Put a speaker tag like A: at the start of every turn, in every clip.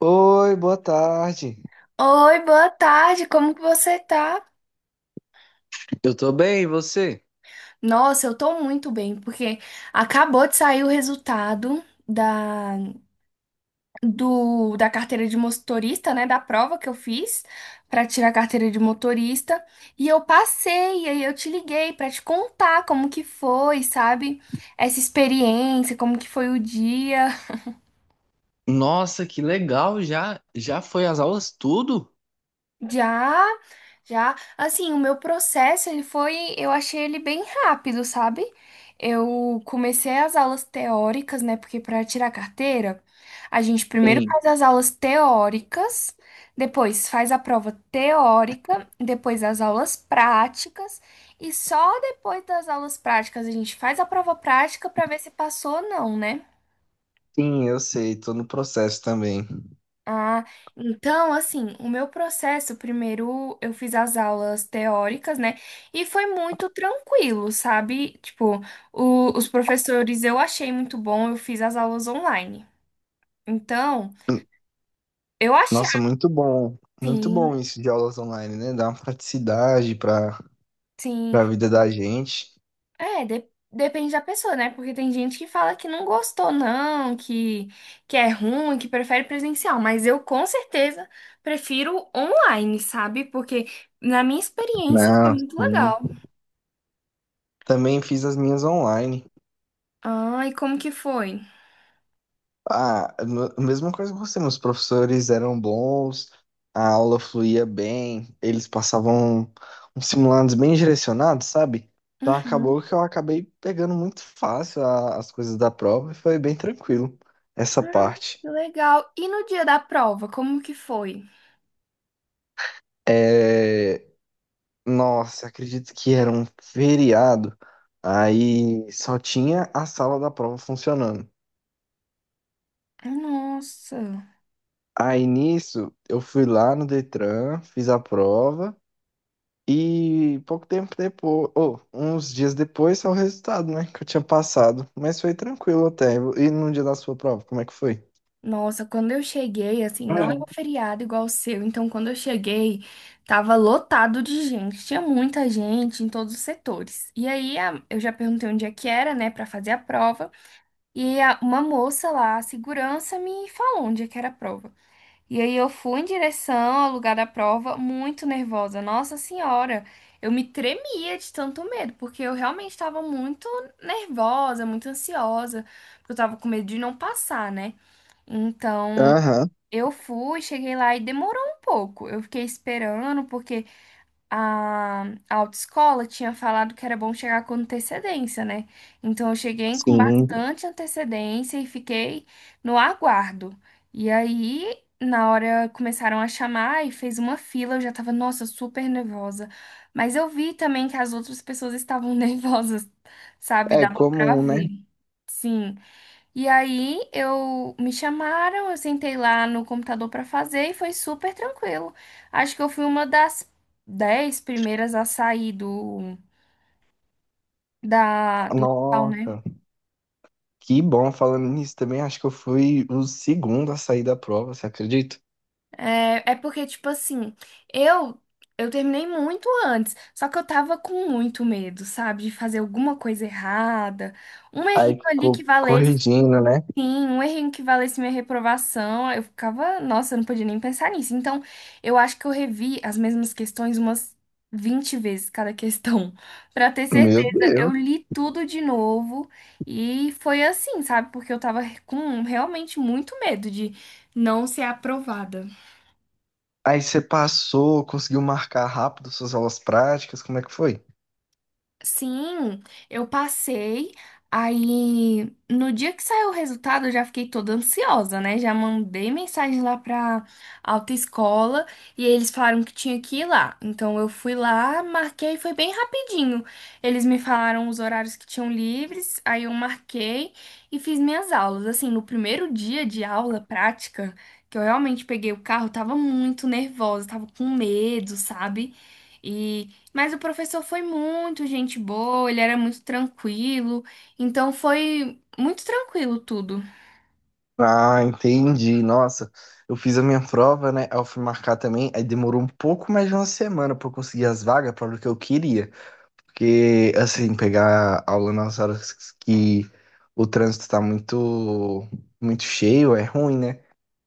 A: Oi, boa tarde.
B: Oi, boa tarde, como que você tá?
A: Eu tô bem, e você?
B: Nossa, eu tô muito bem, porque acabou de sair o resultado da, da carteira de motorista, né? Da prova que eu fiz pra tirar a carteira de motorista. E eu passei, e aí eu te liguei pra te contar como que foi, sabe? Essa experiência, como que foi o dia.
A: Nossa, que legal! Já já foi as aulas tudo?
B: Já, já, assim, o meu processo, ele foi, eu achei ele bem rápido, sabe? Eu comecei as aulas teóricas, né? Porque para tirar carteira, a gente primeiro
A: Sim.
B: faz as aulas teóricas, depois faz a prova teórica, depois as aulas práticas, e só depois das aulas práticas a gente faz a prova prática para ver se passou ou não, né?
A: Sim, eu sei, tô no processo também.
B: Ah, então, assim, o meu processo, primeiro eu fiz as aulas teóricas, né? E foi muito tranquilo, sabe? Tipo, os professores eu achei muito bom, eu fiz as aulas online. Então, eu achei,
A: Nossa, muito
B: sim,
A: bom isso de aulas online, né? Dá uma praticidade para
B: sim.
A: a vida da gente.
B: É, depende da pessoa, né? Porque tem gente que fala que não gostou, não, que é ruim, que prefere presencial. Mas eu, com certeza, prefiro online, sabe? Porque, na minha experiência, foi
A: Não,
B: muito
A: sim.
B: legal.
A: Também fiz as minhas online.
B: Ah, e como que foi?
A: Ah, mesma coisa que você, meus professores eram bons, a aula fluía bem, eles passavam uns simulados bem direcionados, sabe? Então
B: Uhum.
A: acabou que eu acabei pegando muito fácil as coisas da prova e foi bem tranquilo essa
B: Ah,
A: parte.
B: que legal. E no dia da prova, como que foi?
A: É... Nossa, acredito que era um feriado, aí só tinha a sala da prova funcionando.
B: Ah, nossa.
A: Aí nisso, eu fui lá no Detran, fiz a prova. E pouco tempo depois, ou uns dias depois, saiu o resultado, né? Que eu tinha passado. Mas foi tranquilo até. E no dia da sua prova, como é que foi?
B: Nossa, quando eu cheguei, assim, não é um
A: Ah,
B: feriado igual o seu, então quando eu cheguei, tava lotado de gente, tinha muita gente em todos os setores. E aí eu já perguntei onde é que era, né, pra fazer a prova, e uma moça lá, a segurança, me falou onde é que era a prova. E aí eu fui em direção ao lugar da prova muito nervosa. Nossa senhora, eu me tremia de tanto medo, porque eu realmente estava muito nervosa, muito ansiosa, porque eu tava com medo de não passar, né?
A: é.
B: Então,
A: Aham,
B: eu fui, cheguei lá e demorou um pouco. Eu fiquei esperando porque a, a autoescola tinha falado que era bom chegar com antecedência, né? Então eu cheguei com
A: sim.
B: bastante antecedência e fiquei no aguardo. E aí, na hora começaram a chamar e fez uma fila, eu já tava, nossa, super nervosa. Mas eu vi também que as outras pessoas estavam nervosas, sabe?
A: É
B: Dava pra
A: comum,
B: ver.
A: né?
B: Sim. E aí eu me chamaram, eu sentei lá no computador para fazer e foi super tranquilo. Acho que eu fui uma das 10 primeiras a sair do local, né?
A: Nossa, que bom falando nisso também. Acho que eu fui o segundo a sair da prova, você acredita?
B: É, é porque tipo assim, eu eu terminei muito antes, só que eu tava com muito medo, sabe, de fazer alguma coisa errada, um
A: Aí
B: errinho ali que
A: ficou
B: valesse.
A: corrigindo, né?
B: Sim, um errinho que valesse minha reprovação, eu ficava, nossa, eu não podia nem pensar nisso. Então, eu acho que eu revi as mesmas questões umas 20 vezes cada questão, pra ter
A: Meu
B: certeza. Eu
A: Deus.
B: li tudo de novo e foi assim, sabe? Porque eu tava com realmente muito medo de não ser aprovada.
A: Aí você passou, conseguiu marcar rápido suas aulas práticas, como é que foi?
B: Sim, eu passei. Aí, no dia que saiu o resultado, eu já fiquei toda ansiosa, né? Já mandei mensagem lá pra autoescola e eles falaram que tinha que ir lá. Então, eu fui lá, marquei, foi bem rapidinho. Eles me falaram os horários que tinham livres, aí eu marquei e fiz minhas aulas. Assim, no primeiro dia de aula prática, que eu realmente peguei o carro, eu tava muito nervosa, tava com medo, sabe? Mas o professor foi muito gente boa, ele era muito tranquilo, então foi muito tranquilo tudo.
A: Ah, entendi. Nossa, eu fiz a minha prova, né? Aí eu fui marcar também. Aí demorou um pouco mais de uma semana pra eu conseguir as vagas para o que eu queria. Porque, assim, pegar aula nas horas que o trânsito tá muito, muito cheio é ruim, né?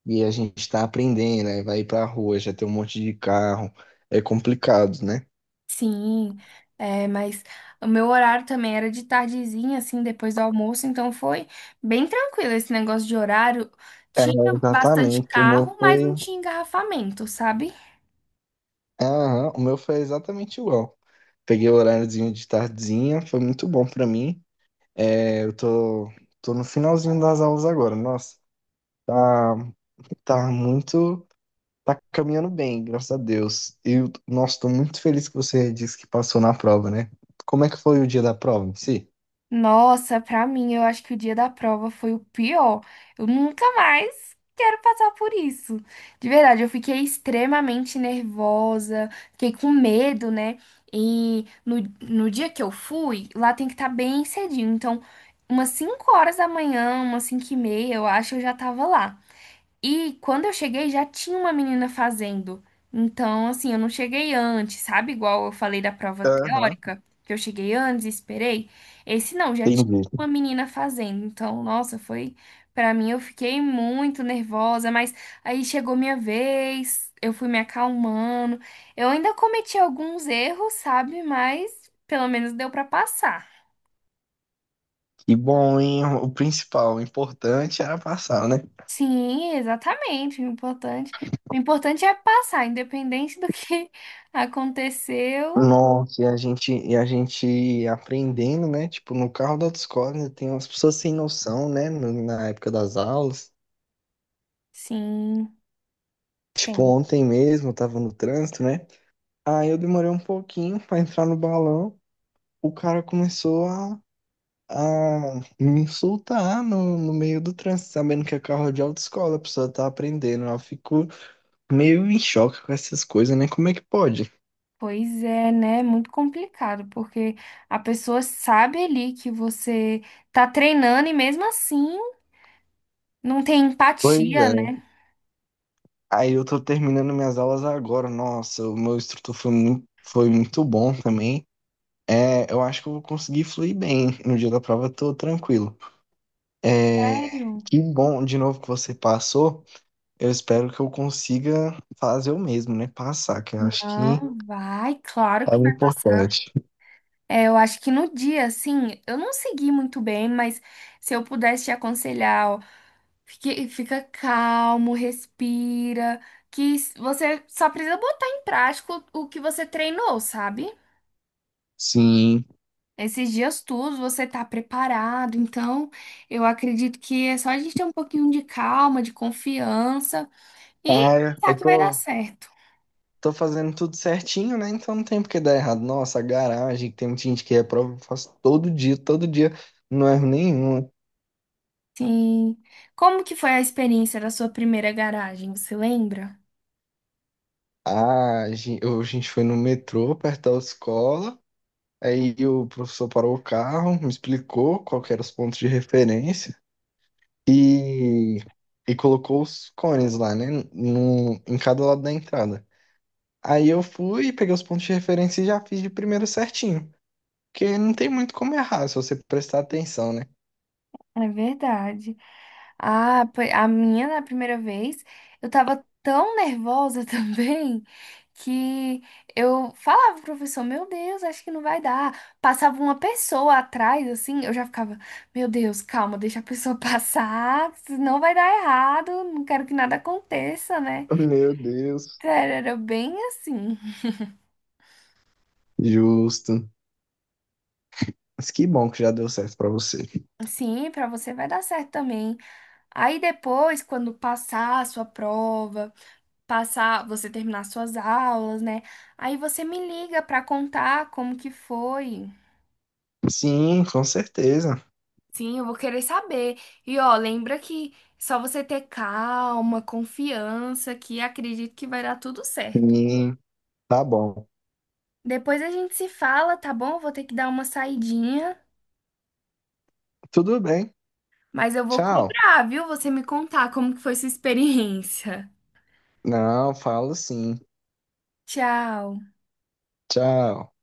A: E a gente tá aprendendo, aí vai pra rua, já tem um monte de carro. É complicado, né?
B: Sim, é, mas o meu horário também era de tardezinha, assim, depois do almoço, então foi bem tranquilo esse negócio de horário.
A: É,
B: Tinha bastante
A: exatamente. O meu
B: carro, mas
A: foi.
B: não tinha engarrafamento, sabe?
A: Aham, o meu foi exatamente igual. Peguei o horáriozinho de tardezinha, foi muito bom pra mim. É, tô no finalzinho das aulas agora. Nossa, tá, tá muito. Tá caminhando bem, graças a Deus. E, nossa, tô muito feliz que você disse que passou na prova, né? Como é que foi o dia da prova em si?
B: Nossa, pra mim, eu acho que o dia da prova foi o pior. Eu nunca mais quero passar por isso. De verdade, eu fiquei extremamente nervosa, fiquei com medo, né? E no dia que eu fui, lá tem que estar bem cedinho. Então, umas 5 horas da manhã, umas 5:30, eu acho, eu já tava lá. E quando eu cheguei, já tinha uma menina fazendo. Então, assim, eu não cheguei antes, sabe? Igual eu falei da prova
A: Aham.
B: teórica, que eu cheguei antes e esperei. Esse não, já tinha
A: Entendi.
B: uma menina fazendo. Então, nossa, foi. Pra mim, eu fiquei muito nervosa, mas aí chegou minha vez, eu fui me acalmando. Eu ainda cometi alguns erros, sabe? Mas pelo menos deu pra passar.
A: E bom, hein? O principal, o importante era passar, né?
B: Sim, exatamente. O importante é passar, independente do que aconteceu.
A: Nossa, e a gente aprendendo, né? Tipo, no carro da autoescola né, tem umas pessoas sem noção, né? Na época das aulas.
B: Sim,
A: Tipo,
B: tem.
A: ontem mesmo eu tava no trânsito, né? Aí eu demorei um pouquinho pra entrar no balão. O cara começou a me insultar no meio do trânsito, sabendo que é carro de autoescola, a pessoa tá aprendendo. Eu fico meio em choque com essas coisas, né? Como é que pode?
B: Pois é, né? Muito complicado, porque a pessoa sabe ali que você tá treinando e mesmo assim não tem
A: Pois
B: empatia,
A: é.
B: né?
A: Aí eu tô terminando minhas aulas agora. Nossa, o meu instrutor foi foi muito bom também. É, eu acho que eu vou conseguir fluir bem. No dia da prova eu tô tranquilo. É,
B: Sério?
A: que bom de novo que você passou. Eu espero que eu consiga fazer o mesmo, né? Passar, que eu acho que
B: Não, vai, claro
A: é
B: que
A: o
B: vai passar.
A: importante.
B: É, eu acho que no dia, assim, eu não segui muito bem, mas se eu pudesse te aconselhar. Fica calmo, respira, que você só precisa botar em prática o que você treinou, sabe?
A: Sim.
B: Esses dias todos você tá preparado, então eu acredito que é só a gente ter um pouquinho de calma, de confiança e
A: Ah,
B: pensar que vai dar certo.
A: tô fazendo tudo certinho, né? Então não tem por que dar errado. Nossa, a garagem, que tem muita gente que reprova, eu faço todo dia, não erro nenhum.
B: Sim. Como que foi a experiência da sua primeira garagem, você lembra?
A: Ah, a gente foi no metrô, perto da escola, aí o professor parou o carro, me explicou qual que eram os pontos de referência e, e colocou os cones lá, né? No, em cada lado da entrada. Aí eu fui, peguei os pontos de referência e já fiz de primeiro certinho. Porque não tem muito como errar se você prestar atenção, né?
B: É verdade. Ah, a minha na primeira vez, eu tava tão nervosa também que eu falava pro professor, meu Deus, acho que não vai dar. Passava uma pessoa atrás, assim, eu já ficava, meu Deus, calma, deixa a pessoa passar, não vai dar errado, não quero que nada aconteça, né?
A: Meu Deus.
B: Cara, era bem assim.
A: Justo. Mas que bom que já deu certo pra você.
B: Sim, pra você vai dar certo também. Aí depois, quando passar a sua prova passar, você terminar suas aulas, né? Aí você me liga pra contar como que foi.
A: Sim, com certeza.
B: Sim, eu vou querer saber. E ó, lembra que só você ter calma, confiança, que acredito que vai dar tudo certo.
A: Sim, tá bom.
B: Depois a gente se fala, tá bom? Eu vou ter que dar uma saidinha,
A: Tudo bem.
B: mas eu vou
A: Tchau.
B: cobrar, viu? Você me contar como que foi sua experiência.
A: Não, falo sim.
B: Tchau.
A: Tchau.